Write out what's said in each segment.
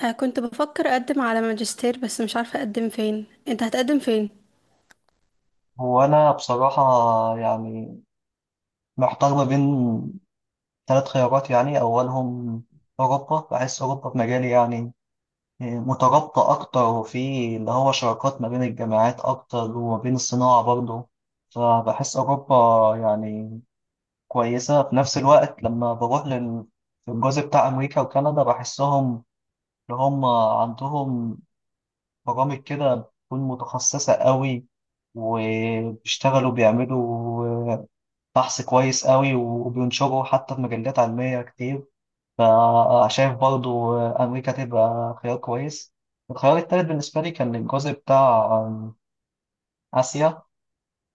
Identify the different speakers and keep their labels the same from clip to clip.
Speaker 1: كنت بفكر اقدم على ماجستير، بس مش عارفه اقدم فين. انت هتقدم فين؟
Speaker 2: هو أنا بصراحة يعني محتار ما بين ثلاث خيارات، يعني أولهم أوروبا. بحس أوروبا في مجالي مترابطة أكتر، وفي اللي هو شراكات ما بين الجامعات أكتر وما بين الصناعة برضه. فبحس أوروبا يعني كويسة. في نفس الوقت لما بروح للجزء بتاع أمريكا وكندا، بحسهم اللي هم عندهم برامج كده بتكون متخصصة قوي، وبيشتغلوا بيعملوا بحث كويس قوي وبينشره حتى في مجلات علمية كتير. فشايف برضو أمريكا تبقى خيار كويس. الخيار التالت بالنسبة لي كان الجزء بتاع آسيا.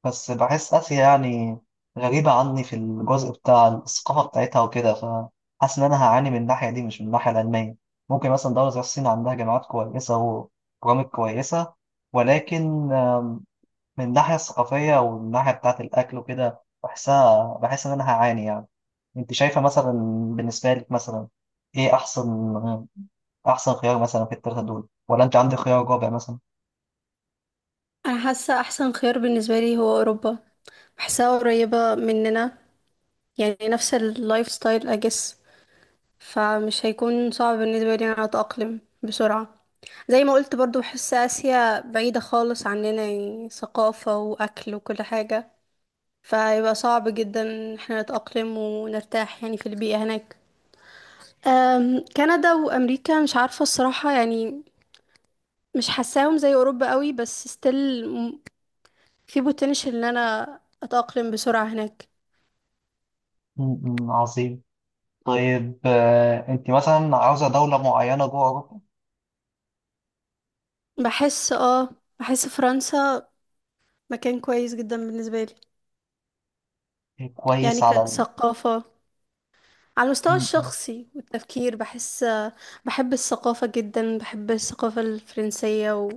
Speaker 2: بس بحس آسيا غريبة عني في الجزء بتاع الثقافة بتاعتها وكده، فحاسس إن أنا هعاني من الناحية دي، مش من الناحية العلمية. ممكن مثلا دولة زي الصين عندها جامعات كويسة وبرامج كويسة، ولكن من الناحية الثقافية والناحية بتاعة الأكل وكده بحسها، بحس إن أنا هعاني يعني. انت شايفه مثلا، بالنسبه لك مثلا، ايه احسن، احسن خيار مثلا في الثلاثه دول، ولا انت عندك خيار رابع مثلا؟
Speaker 1: انا حاسه احسن خيار بالنسبه لي هو اوروبا. بحسها قريبه مننا، يعني نفس اللايف ستايل اجس، فمش هيكون صعب بالنسبه لي انا اتاقلم بسرعه. زي ما قلت برضو، بحس اسيا بعيده خالص عننا، يعني ثقافه واكل وكل حاجه، فيبقى صعب جدا إن احنا نتاقلم ونرتاح يعني في البيئه هناك. كندا وامريكا مش عارفه الصراحه، يعني مش حاساهم زي اوروبا قوي، بس ستيل في potential ان انا اتأقلم بسرعة هناك.
Speaker 2: م- م، عظيم. طيب انت مثلا عاوزه دوله معينه جوه اوروبا؟
Speaker 1: بحس اه بحس فرنسا مكان كويس جدا بالنسبة لي،
Speaker 2: إيه،
Speaker 1: يعني
Speaker 2: كويس على
Speaker 1: كثقافة، على المستوى
Speaker 2: م- م،
Speaker 1: الشخصي والتفكير. بحس بحب الثقافة جدا، بحب الثقافة الفرنسية و...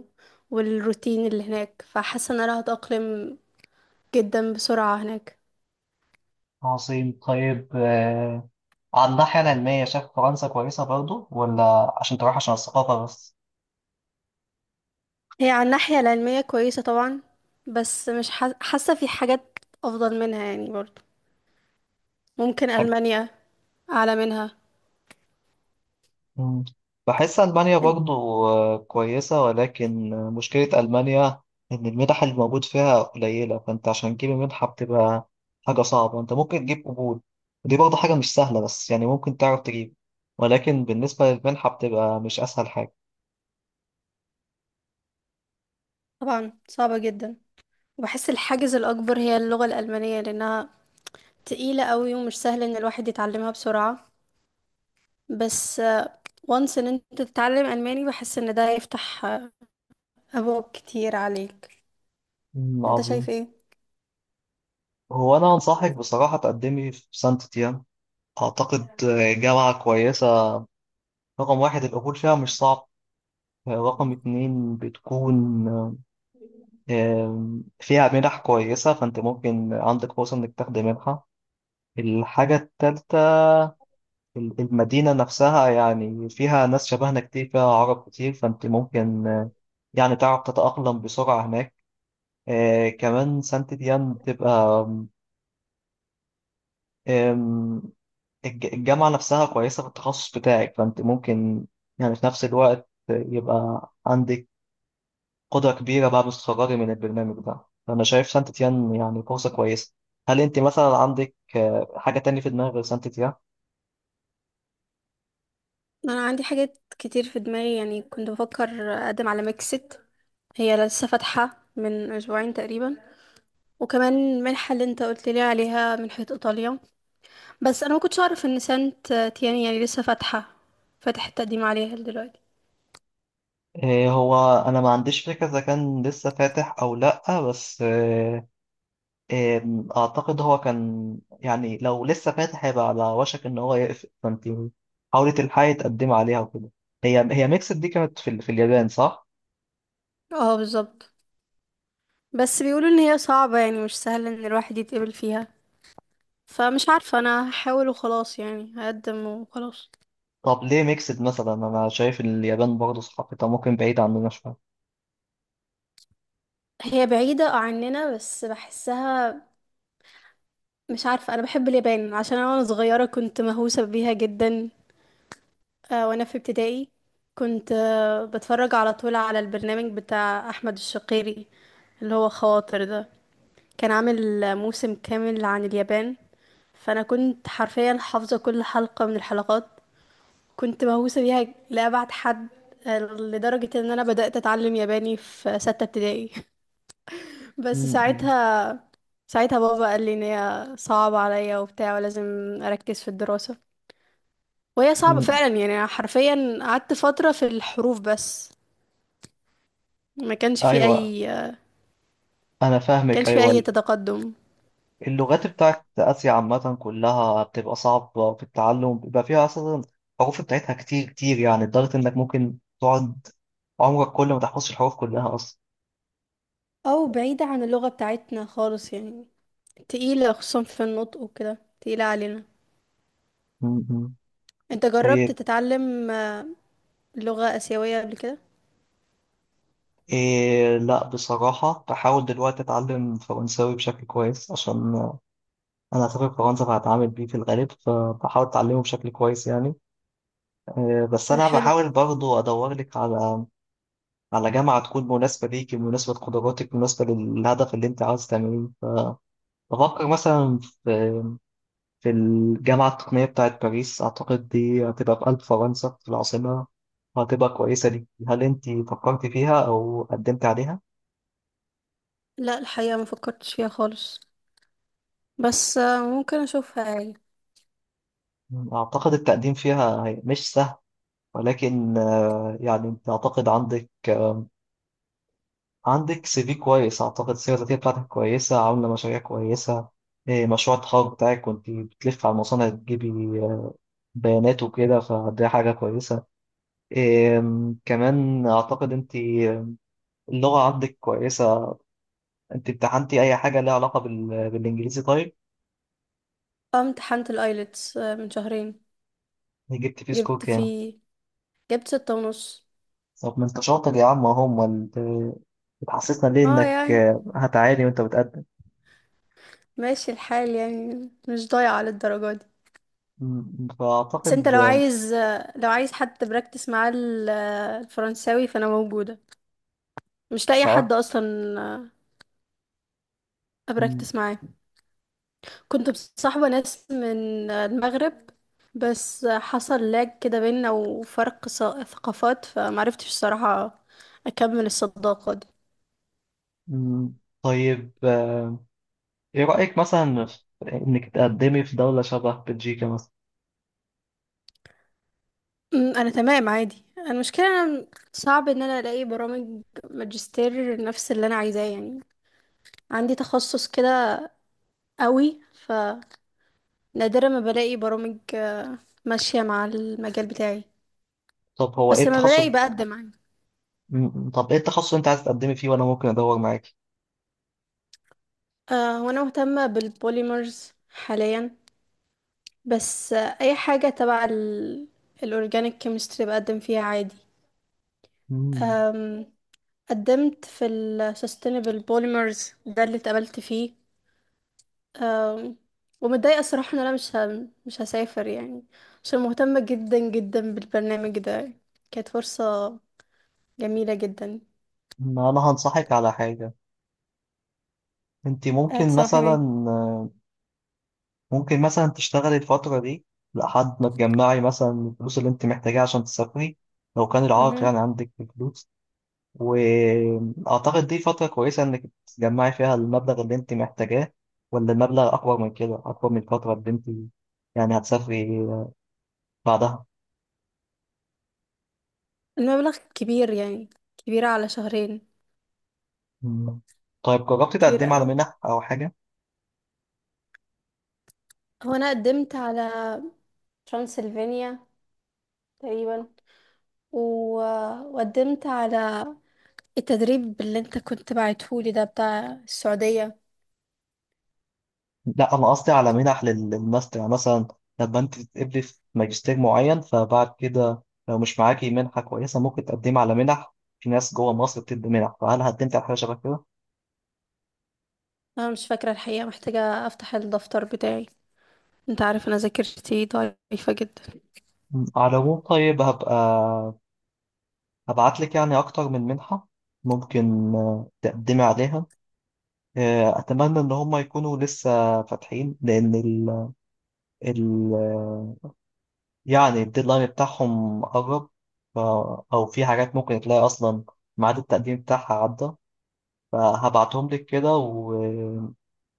Speaker 1: والروتين اللي هناك، فحاسة ان انا هتأقلم جدا بسرعة هناك.
Speaker 2: عظيم. طيب على الناحيه العلميه، شايف فرنسا كويسه برضو، ولا عشان تروح عشان الثقافه بس؟
Speaker 1: هي على الناحية العلمية كويسة طبعا، بس مش حاسة في حاجات افضل منها يعني برضه. ممكن ألمانيا أعلى منها.
Speaker 2: مم. بحس ألمانيا
Speaker 1: إن-
Speaker 2: برضو كويسة، ولكن مشكلة ألمانيا إن المنح اللي موجود فيها قليلة. فأنت عشان تجيب منحة بتبقى حاجة صعبة. أنت ممكن تجيب قبول، ودي برضو حاجة مش سهلة، بس يعني ممكن تعرف تجيب، ولكن بالنسبة للمنحة بتبقى مش أسهل حاجة.
Speaker 1: طبعا صعبة جدا، وبحس الحاجز الأكبر هي اللغة الألمانية لأنها تقيلة قوي ومش سهل إن الواحد يتعلمها بسرعة. بس وانس إن أنت تتعلم ألماني، بحس إن ده يفتح أبواب كتير عليك.
Speaker 2: مم،
Speaker 1: أنت شايف
Speaker 2: عظيم.
Speaker 1: إيه؟
Speaker 2: هو أنا أنصحك بصراحة تقدمي في سانت تيان. أعتقد جامعة كويسة. رقم واحد، القبول فيها مش صعب. رقم اتنين، بتكون فيها منح كويسة، فأنت ممكن عندك فرصة إنك تاخدي منحة. الحاجة التالتة، المدينة نفسها يعني فيها ناس شبهنا كتير، فيها عرب كتير، فأنت ممكن يعني تعرف تتأقلم بسرعة هناك. كمان سانت ديان بتبقى، آم، الجامعة نفسها كويسة في التخصص بتاعك، فأنت ممكن يعني في نفس الوقت يبقى عندك قدرة كبيرة بعد الصغار من البرنامج ده. فأنا شايف سانت تيان يعني فرصة كويسة. هل أنت مثلا عندك حاجة تانية في دماغك غير سانت تيان؟
Speaker 1: أنا عندي حاجات كتير في دماغي، يعني كنت بفكر أقدم على ميكسيت. هي لسه فاتحة من أسبوعين تقريبا. وكمان المنحة اللي أنت قلت لي عليها، منحة إيطاليا. بس انا ما كنتش اعرف ان سانت تيان يعني لسه فاتحه، فاتح التقديم عليها دلوقتي.
Speaker 2: هو أنا ما عنديش فكرة إذا كان لسه فاتح أو لأ، بس آه، آم، أعتقد هو كان يعني لو لسه فاتح هيبقى على وشك إن هو يقفل، فأنت حاولي تلحقي تقدمي عليها وكده. هي ميكسد دي كانت في، في اليابان صح؟
Speaker 1: اه بالظبط. بس بيقولوا ان هي صعبه، يعني مش سهل ان الواحد يتقبل فيها. فمش عارفه، انا هحاول وخلاص يعني، هقدم وخلاص.
Speaker 2: طب ليه ميكسد مثلا؟ أنا شايف اليابان برضه ثقافتها ممكن بعيدة عننا شوية.
Speaker 1: هي بعيده عننا بس بحسها، مش عارفه، انا بحب اليابان عشان انا وانا صغيره كنت مهووسه بيها جدا. وانا في ابتدائي كنت بتفرج على طول على البرنامج بتاع احمد الشقيري، اللي هو خواطر ده. كان عامل موسم كامل عن اليابان، فانا كنت حرفيا حافظه كل حلقه من الحلقات. كنت مهووسه بيها لابعد حد، لدرجه ان انا بدات اتعلم ياباني في سته ابتدائي
Speaker 2: م-
Speaker 1: بس
Speaker 2: م-
Speaker 1: ساعتها، ساعتها بابا قال لي ان هي صعبه عليا وبتاع ولازم اركز في الدراسه، وهي صعبه
Speaker 2: م.
Speaker 1: فعلا. يعني أنا حرفيا قعدت فتره في الحروف بس. ما كانش في
Speaker 2: ايوه،
Speaker 1: اي
Speaker 2: أنا فاهمك
Speaker 1: كانش في اي
Speaker 2: أيوة.
Speaker 1: تقدم.
Speaker 2: اللغات بتاعت آسيا عامة كلها بتبقى صعبة في التعلم، بيبقى فيها أصلا الحروف بتاعتها كتير كتير، يعني لدرجة إنك ممكن تقعد عمرك كله ما تحفظش الحروف كلها أصلا.
Speaker 1: او بعيدة عن اللغة بتاعتنا خالص يعني، تقيلة خصوصا في النطق وكده، تقيلة علينا.
Speaker 2: م- م.
Speaker 1: انت جربت
Speaker 2: طيب،
Speaker 1: تتعلم لغة آسيوية قبل كده؟
Speaker 2: إيه لا بصراحة بحاول دلوقتي أتعلم فرنساوي بشكل كويس، عشان أنا هسافر فرنسا فهتعامل بيه في الغالب، فبحاول أتعلمه بشكل كويس يعني. إيه بس أنا
Speaker 1: حلو.
Speaker 2: بحاول برضو أدور لك على، على جامعة تكون مناسبة ليك، مناسبة لقدراتك، مناسبة للهدف اللي أنت عاوز تعمله. فبفكر مثلا في في الجامعة التقنية بتاعة باريس. أعتقد دي هتبقى في قلب فرنسا، في العاصمة، وهتبقى كويسة ليك. هل أنت فكرت فيها أو قدمت عليها؟
Speaker 1: لا، الحقيقة ما فكرتش فيها خالص، بس ممكن اشوفها يعني.
Speaker 2: أعتقد التقديم فيها مش سهل، ولكن يعني أنت أعتقد عندك سي في كويس. أعتقد السيرة الذاتية بتاعتك كويسة، عاملة مشاريع كويسة. إيه، مشروع التخرج بتاعك كنت بتلف على المصانع تجيبي بيانات وكده، فدي حاجة كويسة. كمان أعتقد أنت اللغة عندك كويسة. أنت امتحنتي أي حاجة ليها علاقة بالإنجليزي؟ طيب
Speaker 1: اه امتحنت الايلتس من شهرين.
Speaker 2: جبت فيه سكور
Speaker 1: جبت
Speaker 2: كام؟
Speaker 1: فيه جبت 6.5.
Speaker 2: طب ما أنت شاطر يا عم أهو. أمال بتحسسنا ليه
Speaker 1: اه
Speaker 2: إنك
Speaker 1: يعني
Speaker 2: هتعاني وأنت بتقدم؟
Speaker 1: ماشي الحال يعني، مش ضايعة للدرجة دي. بس انت
Speaker 2: فأعتقد
Speaker 1: لو عايز، لو عايز حد براكتس معاه الفرنساوي، فانا موجودة. مش لاقي حد
Speaker 2: تعرف.
Speaker 1: اصلا آه،
Speaker 2: م-
Speaker 1: ابراكتس معاه. كنت مصاحبة ناس من المغرب، بس حصل لاج كده بينا وفرق ثقافات، فمعرفتش الصراحة اكمل الصداقة دي.
Speaker 2: م- طيب إيه رأيك مثلا في إنك تقدمي في دولة شبه بلجيكا مثلا؟
Speaker 1: انا تمام عادي. أنا المشكلة، أنا صعب ان انا الاقي برامج ماجستير نفس اللي انا عايزاه يعني. عندي تخصص كده قوي، فنادرا ما بلاقي برامج ماشية مع المجال بتاعي،
Speaker 2: طب هو إيه
Speaker 1: بس لما
Speaker 2: التخصص؟
Speaker 1: بلاقي بقدم عادي.
Speaker 2: طب إيه التخصص اللي أنت عايز تقدمي فيه وأنا ممكن أدور معاكي؟
Speaker 1: وانا مهتمة بالبوليمرز حاليا، بس اي حاجة تبع الأورجانيك كيمستري بقدم فيها عادي.
Speaker 2: مم.
Speaker 1: أم، قدمت في ال sustainable polymers ده اللي اتقبلت فيه. أم، ومتضايقة الصراحة ان انا مش هسافر يعني، عشان مهتمة جدا جدا بالبرنامج ده. كانت فرصة جميلة جدا.
Speaker 2: ما انا هنصحك على حاجة. انت ممكن
Speaker 1: هتصاحب
Speaker 2: مثلا
Speaker 1: ايه؟
Speaker 2: ممكن مثلا تشتغلي الفترة دي لحد ما تجمعي مثلا الفلوس اللي انت محتاجاها عشان تسافري، لو كان العائق
Speaker 1: مهم.
Speaker 2: يعني عندك في الفلوس. واعتقد دي فترة كويسة انك تجمعي فيها المبلغ اللي انت محتاجاه، ولا المبلغ اكبر من كده، اكبر من الفترة اللي انت يعني هتسافري بعدها؟
Speaker 1: المبلغ كبير يعني، كبير على شهرين،
Speaker 2: مم. طيب، جربتي
Speaker 1: كبير
Speaker 2: تقدمي على
Speaker 1: قوي.
Speaker 2: منح او حاجة؟
Speaker 1: هو انا قدمت على ترانسلفانيا تقريبا، و... وقدمت على التدريب اللي انت كنت بعتهولي ده بتاع السعودية.
Speaker 2: لا انا قصدي على منح للماستر يعني. مثلا لما انت تتقبلي في ماجستير معين، فبعد كده لو مش معاكي منحه كويسه ممكن تقدمي على منح. في ناس جوه مصر بتدي منح، فهل قدمت على حاجه شبه كده؟
Speaker 1: انا مش فاكرة الحقيقة، محتاجة افتح الدفتر بتاعي، انت عارف انا ذاكرتي ضعيفة جدا.
Speaker 2: مم. على العموم طيب، هبعت لك يعني اكتر من منحه ممكن تقدمي عليها. اتمنى ان هم يكونوا لسه فاتحين، لان ال... يعني الديدلاين بتاعهم قرب. ف... او في حاجات ممكن تلاقي اصلا ميعاد التقديم بتاعها عدى. فهبعتهم لك كده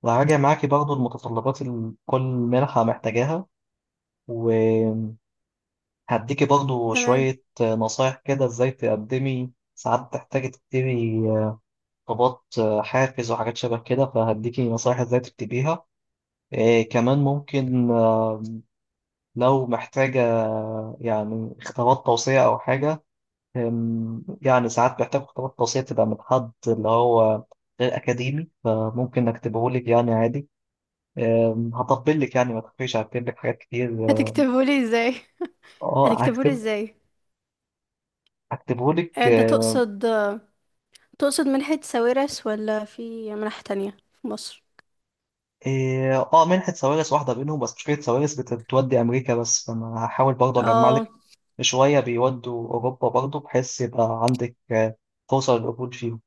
Speaker 2: وهراجع معاكي برضو المتطلبات اللي كل منحة محتاجاها. وهديكي برضو
Speaker 1: تمام.
Speaker 2: شوية نصايح كده ازاي تقدمي. ساعات بتحتاجي تكتبي طلبات حافز وحاجات شبه كده، فهديكي نصايح ازاي تكتبيها. إيه كمان ممكن لو محتاجة يعني خطابات توصية أو حاجة، يعني ساعات بحتاج خطابات توصية تبقى من حد اللي هو غير أكاديمي، فممكن أكتبهولك يعني عادي. هطبل لك يعني، ما تخافيش هكتب لك حاجات كتير اه.
Speaker 1: هتكتبهولي ازاي؟
Speaker 2: آه،
Speaker 1: هتكتبهولي
Speaker 2: هكتب
Speaker 1: ازاي؟
Speaker 2: هكتبه لك
Speaker 1: انت
Speaker 2: اه.
Speaker 1: تقصد منحة ساويرس ولا في منح تانية في مصر؟
Speaker 2: منحة سوارس واحدة بينهم، بس مشكلة سوارس بتودي أمريكا بس، فأنا هحاول برضه أجمع
Speaker 1: اه.
Speaker 2: لك شوية بيودوا أوروبا برضه، بحيث يبقى عندك فرصة للقبول فيهم.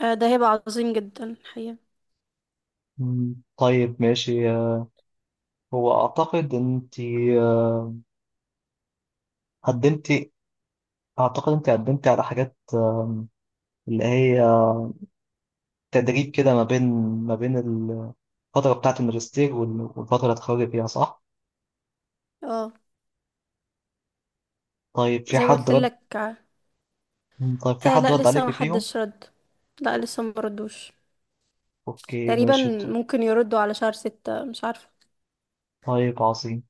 Speaker 1: ده هيبقى عظيم جدا الحقيقة.
Speaker 2: مم، طيب ماشي. هو أعتقد أنت آه، قدمتي أعتقد أنت قدمتي على حاجات اللي هي تدريب كده ما بين، الفترة بتاعة الماجستير والفترة اللي هتخرجي فيها، صح؟
Speaker 1: اه
Speaker 2: طيب، في
Speaker 1: زي ما
Speaker 2: حد
Speaker 1: قلت
Speaker 2: رد؟
Speaker 1: لك.
Speaker 2: مم، طيب في
Speaker 1: آه،
Speaker 2: حد
Speaker 1: لا
Speaker 2: رد
Speaker 1: لسه ما
Speaker 2: عليك فيهم؟
Speaker 1: حدش رد. لا لسه ما ردوش
Speaker 2: اوكي
Speaker 1: تقريبا.
Speaker 2: ماشي.
Speaker 1: ممكن يردوا على شهر 6، مش عارفة.
Speaker 2: طيب عظيم.